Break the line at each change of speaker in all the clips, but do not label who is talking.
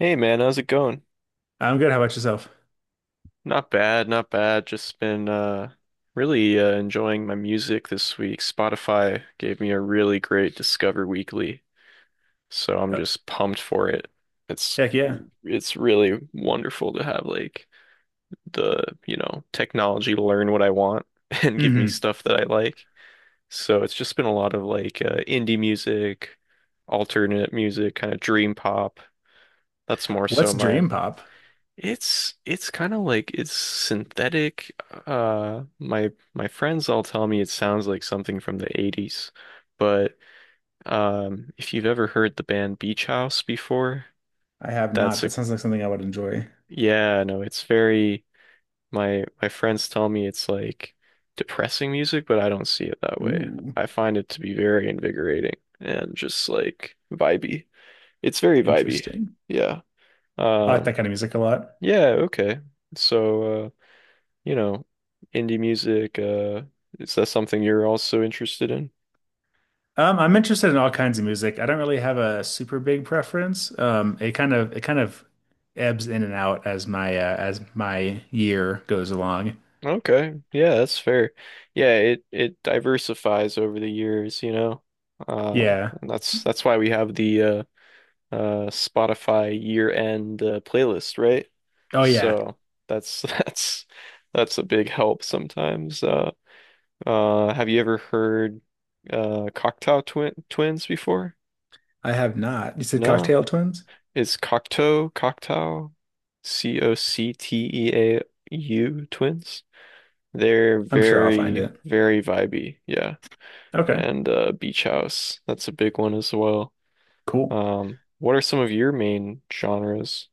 Hey man, how's it going?
I'm good. How about yourself?
Not bad, not bad. Just been really enjoying my music this week. Spotify gave me a really great Discover Weekly, so I'm
Uh,
just pumped for it. It's
Heck yeah.
it's really wonderful to have like the, you know, technology to learn what I want and give me
Hmm.
stuff that I like. So it's just been a lot of like indie music, alternate music, kind of dream pop. That's more
What's
so my.
dream pop?
It's kind of like it's synthetic. My friends all tell me it sounds like something from the 80s, but if you've ever heard the band Beach House before,
I have not.
that's
That
a
sounds like something I would enjoy.
yeah, no, it's very my friends tell me it's like depressing music, but I don't see it that way.
Ooh,
I find it to be very invigorating and just like vibey. It's very vibey.
interesting.
Yeah.
I like that
Um,
kind of music a lot.
yeah, okay. So you know, indie music. Is that something you're also interested in?
I'm interested in all kinds of music. I don't really have a super big preference. It kind of ebbs in and out as my year goes along.
Okay, yeah, that's fair. Yeah, it diversifies over the years, you know. Uh,
Yeah.
and that's why we have the uh, Spotify year-end playlist, right?
Oh yeah.
So that's that's a big help sometimes. Have you ever heard Cocktail Twin Twins before?
I have not. You said
No.
Cocktail Twins?
Is Cocteau Cocteau twins? They're
I'm sure I'll find
very,
it.
very vibey, yeah.
Okay.
And Beach House, that's a big one as well.
Cool.
What are some of your main genres?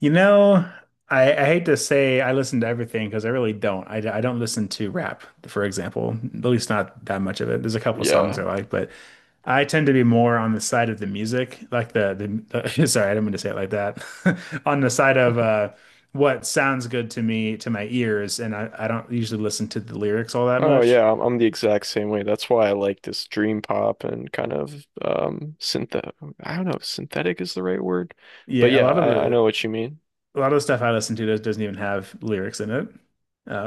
You know, I hate to say I listen to everything because I really don't. I don't listen to rap, for example, at least not that much of it. There's a couple of songs
Yeah.
I like, but I tend to be more on the side of the music, like the sorry, I didn't mean to say it like that. On the side of what sounds good to me, to my ears, and I don't usually listen to the lyrics all that
Oh
much.
yeah, I'm the exact same way. That's why I like this dream pop and kind of synth I don't know if synthetic is the right word, but
Yeah, a
yeah,
lot of
I know
the
what you mean.
a lot of the stuff I listen to doesn't even have lyrics in it.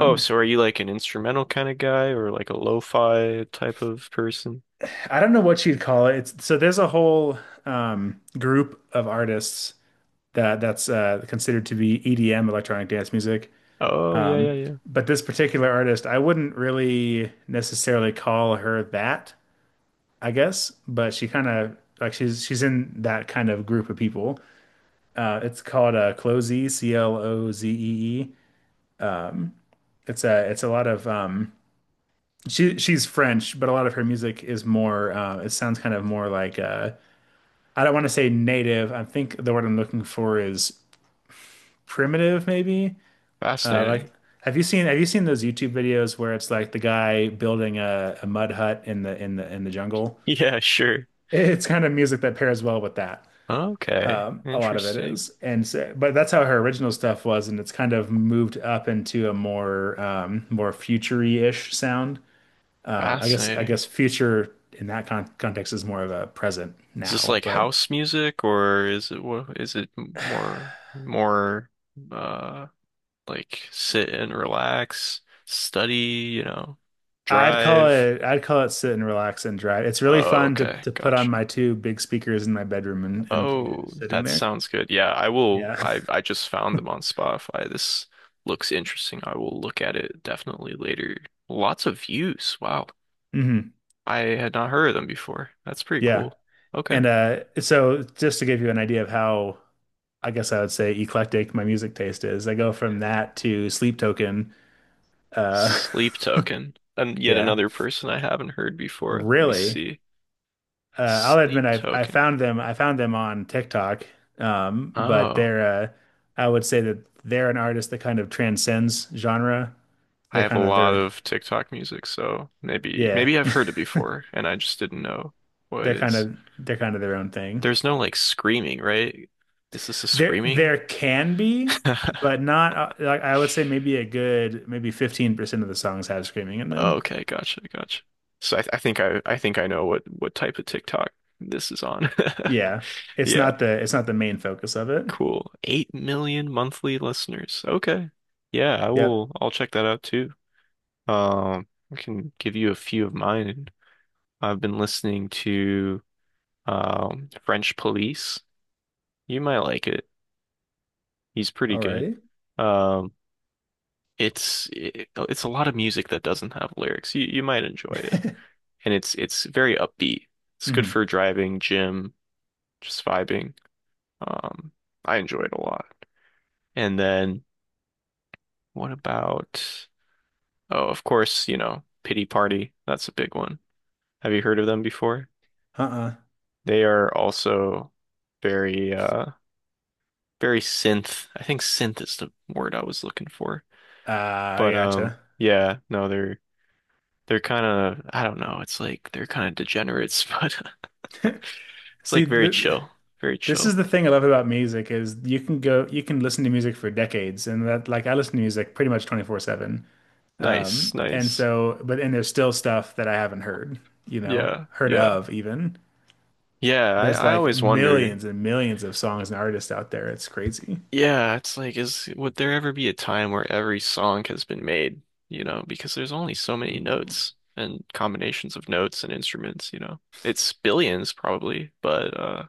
Oh, so are you like an instrumental kind of guy or like a lo-fi type of person?
I don't know what you'd call it. It's, so there's a whole group of artists that that's considered to be EDM, electronic dance music.
Oh, yeah, yeah, yeah.
But this particular artist, I wouldn't really necessarily call her that, I guess. But she's in that kind of group of people. It's called Clozee, C L O Z E E. It's a lot of she she's French, but a lot of her music is more. It sounds kind of more like I don't want to say native. I think the word I'm looking for is primitive, maybe.
Fascinating.
Like, have you seen those YouTube videos where it's like the guy building a mud hut in the in the in the jungle?
Yeah, sure.
It's kind of music that pairs well with that.
Okay.
A lot of it
Interesting.
is, and so, but that's how her original stuff was, and it's kind of moved up into a more more futury-ish sound. I
Fascinating.
guess future in that context is more of a present
Is this
now,
like
but.
house music or is it is it more uh like sit and relax, study, you know, drive?
I'd call it sit and relax and drive. It's really
Oh,
fun to
okay.
put on
Gotcha.
my two big speakers in my bedroom and play it
Oh,
just sitting
that
there.
sounds good. Yeah, I will.
Yeah.
I just found them on Spotify. This looks interesting. I will look at it definitely later. Lots of views. Wow.
Hmm.
I had not heard of them before. That's pretty
Yeah.
cool. Okay.
And so just to give you an idea of how I guess I would say eclectic my music taste is, I go from that to Sleep Token. Uh
Sleep Token. And yet
yeah.
another person I haven't heard before. Let me
Really.
see.
I'll admit
Sleep
I've
Token.
I found them on TikTok. But
Oh,
they're I would say that they're an artist that kind of transcends genre.
I
They're
have a
kind of
lot
their
of TikTok music, so
Yeah,
maybe I've heard it before and I just didn't know what it is.
they're kind of their own thing.
There's no like screaming, right? Is this a
There
screaming?
there can be, but not like I would say maybe a good maybe 15% of the songs have screaming in them.
Okay, gotcha, gotcha. So I think I think I know what type of TikTok this is on.
Yeah.
Yeah,
It's not the main focus of it.
cool. 8 million monthly listeners. Okay. Yeah,
Yep.
I'll check that out too. I can give you a few of mine. I've been listening to French Police. You might like it. He's pretty good.
Alrighty.
Um, it's a lot of music that doesn't have lyrics. You might enjoy it. And it's very upbeat. It's good
Hmm.
for driving, gym, just vibing. Um, I enjoy it a lot. And then what about, oh, of course, you know, Pity Party. That's a big one. Have you heard of them before?
Uh-uh.
They are also very very synth. I think synth is the word I was looking for.
I
But
gotcha.
yeah, no, they're kind of I don't know, it's like they're kind of degenerates, but it's
See,
like very
th
chill, very
this is
chill.
the thing I love about music is you can listen to music for decades and that like I listen to music pretty much 24/7.
Nice,
And
nice.
so, but and there's still stuff that I haven't heard, you know,
Yeah,
heard
yeah.
of even.
Yeah,
There's
I
like
always wonder.
millions and millions of songs and artists out there. It's crazy.
Yeah, it's like, is would there ever be a time where every song has been made, you know, because there's only so many
Ooh.
notes and combinations of notes and instruments, you know. It's billions probably, but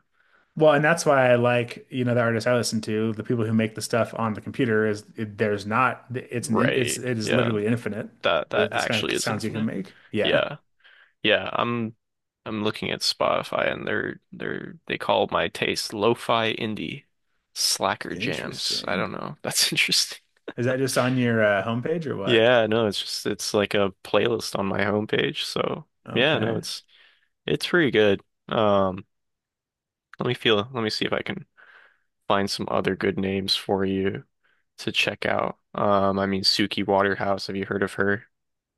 Well, and that's why I like, you know, the artists I listen to, the people who make the stuff on the computer is it, there's not, it's an, in- it's,
right.
it is
Yeah.
literally infinite.
That that
This kind
actually
of
is
sounds you can
infinite.
make. Yeah.
Yeah. Yeah, I'm looking at Spotify and they're they call my taste lo-fi indie slacker jams. I
Interesting.
don't know. That's interesting.
Is that just on your homepage or what?
Yeah, no, it's just it's like a playlist on my homepage. So yeah, no,
Okay.
it's pretty good. Um, let me see if I can find some other good names for you to check out. I mean Suki Waterhouse, have you heard of her?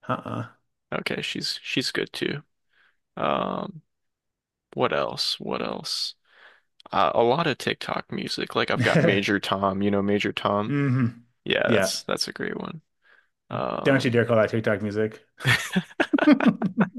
Uh-uh.
Okay, she's good too. Um, what else? What else? A lot of TikTok music. Like I've got Major Tom, you know Major Tom?
Hmm.
Yeah,
Yeah.
that's a great one.
Don't you
Um
dare call that TikTok music.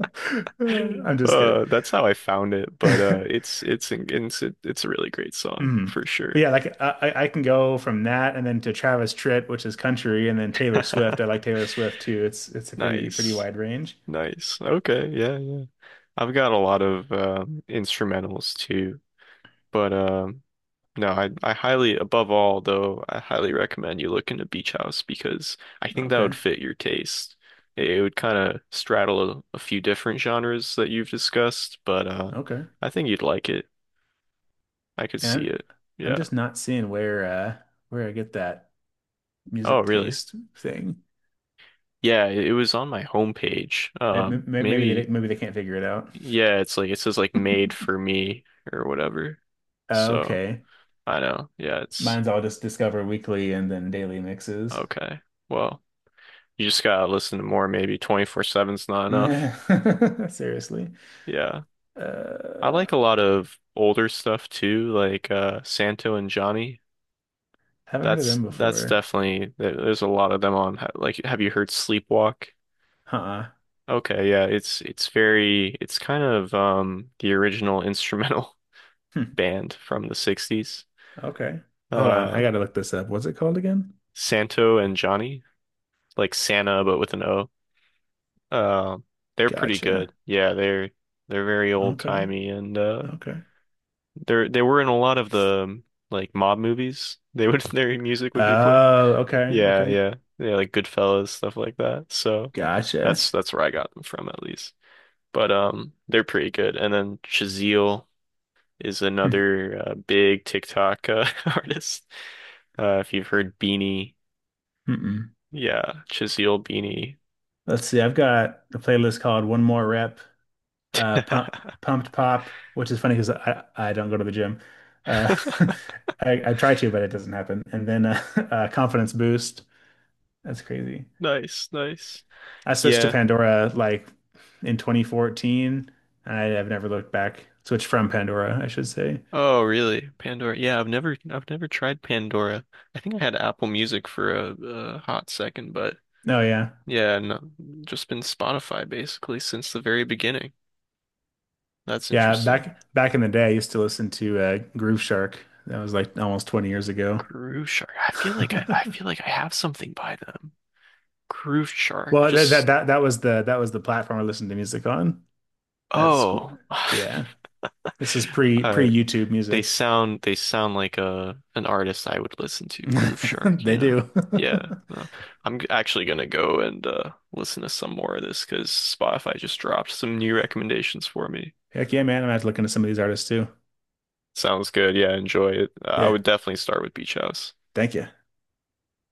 I'm just kidding.
That's how I found it, but it's a really great song
Mm.
for
But
sure.
yeah, like I can go from that and then to Travis Tritt, which is country, and then Taylor Swift. I like Taylor Swift too. It's a pretty pretty
Nice,
wide range.
nice. Okay, yeah, yeah. I've got a lot of instrumentals too, but no, I highly, above all though, I highly recommend you look into Beach House because I think that would
Okay.
fit your taste. It would kind of straddle a few different genres that you've discussed, but
Okay.
I think you'd like it. I could
And
see
I'm,
it.
I'm
Yeah.
just not seeing where I get that
Oh,
music
really?
taste thing.
Yeah, it was on my homepage.
Maybe they
Maybe
didn't- maybe they can't figure it out.
yeah, it's like it says like made for me or whatever. So
Okay.
I know. Yeah, it's
Mine's all just Discover Weekly and then Daily Mixes.
okay. Well, you just gotta listen to more. Maybe 24/7's not enough.
Seriously.
Yeah, I
Uh
like a lot of older stuff too, like Santo and Johnny.
haven't heard of
That's
them
that's
before.
definitely there's a lot of them on. Like, have you heard Sleepwalk?
Huh.
Okay, yeah, it's very it's kind of the original instrumental
Hmm.
band from the 60s.
Okay. Hold on. I
Uh,
gotta look this up. What's it called again?
Santo and Johnny, like Santa but with an O. Uh, they're pretty good.
Gotcha.
Yeah, they're very
Okay.
old-timey and
Okay.
they were in a lot of the like mob movies. They would their music would be played.
Oh, okay.
Yeah,
Okay.
yeah. Yeah, like Goodfellas, stuff like that. So
Gotcha.
that's where I got them from at least. But they're pretty good. And then Chazelle is
Hmm.
another big TikTok artist. If you've heard Beanie
Mm-mm.
Yeah, Chisiel beanie.
Let's see. I've got a playlist called One More Rep, Pump, Pumped Pop, which is funny because I don't go to the gym. Uh, I try to, but it doesn't happen. And then Confidence Boost. That's crazy.
Nice, nice.
I switched to
Yeah.
Pandora like in 2014. I have never looked back. Switched from Pandora, I should say.
Oh, really? Pandora. Yeah, I've never tried Pandora. I think I had Apple Music for a hot second, but
Oh yeah.
yeah, no, just been Spotify basically since the very beginning. That's
Yeah,
interesting.
back in the day I used to listen to Groove Shark. That was like almost 20 years ago.
Groove Shark. I feel like I feel like I have something by them. Groove Shark.
Well,
Just
that was the platform I listened to music on at school.
oh.
Yeah. This is pre
I
YouTube music.
They sound like a an artist I would listen to, Groove Shark, you
They
know.
do.
Yeah, no. Actually gonna go and listen to some more of this because Spotify just dropped some new recommendations for me.
Heck yeah, man. I'm gonna have to look into some of these artists too.
Sounds good. Yeah, enjoy it. I
Yeah.
would definitely start with Beach House.
Thank you.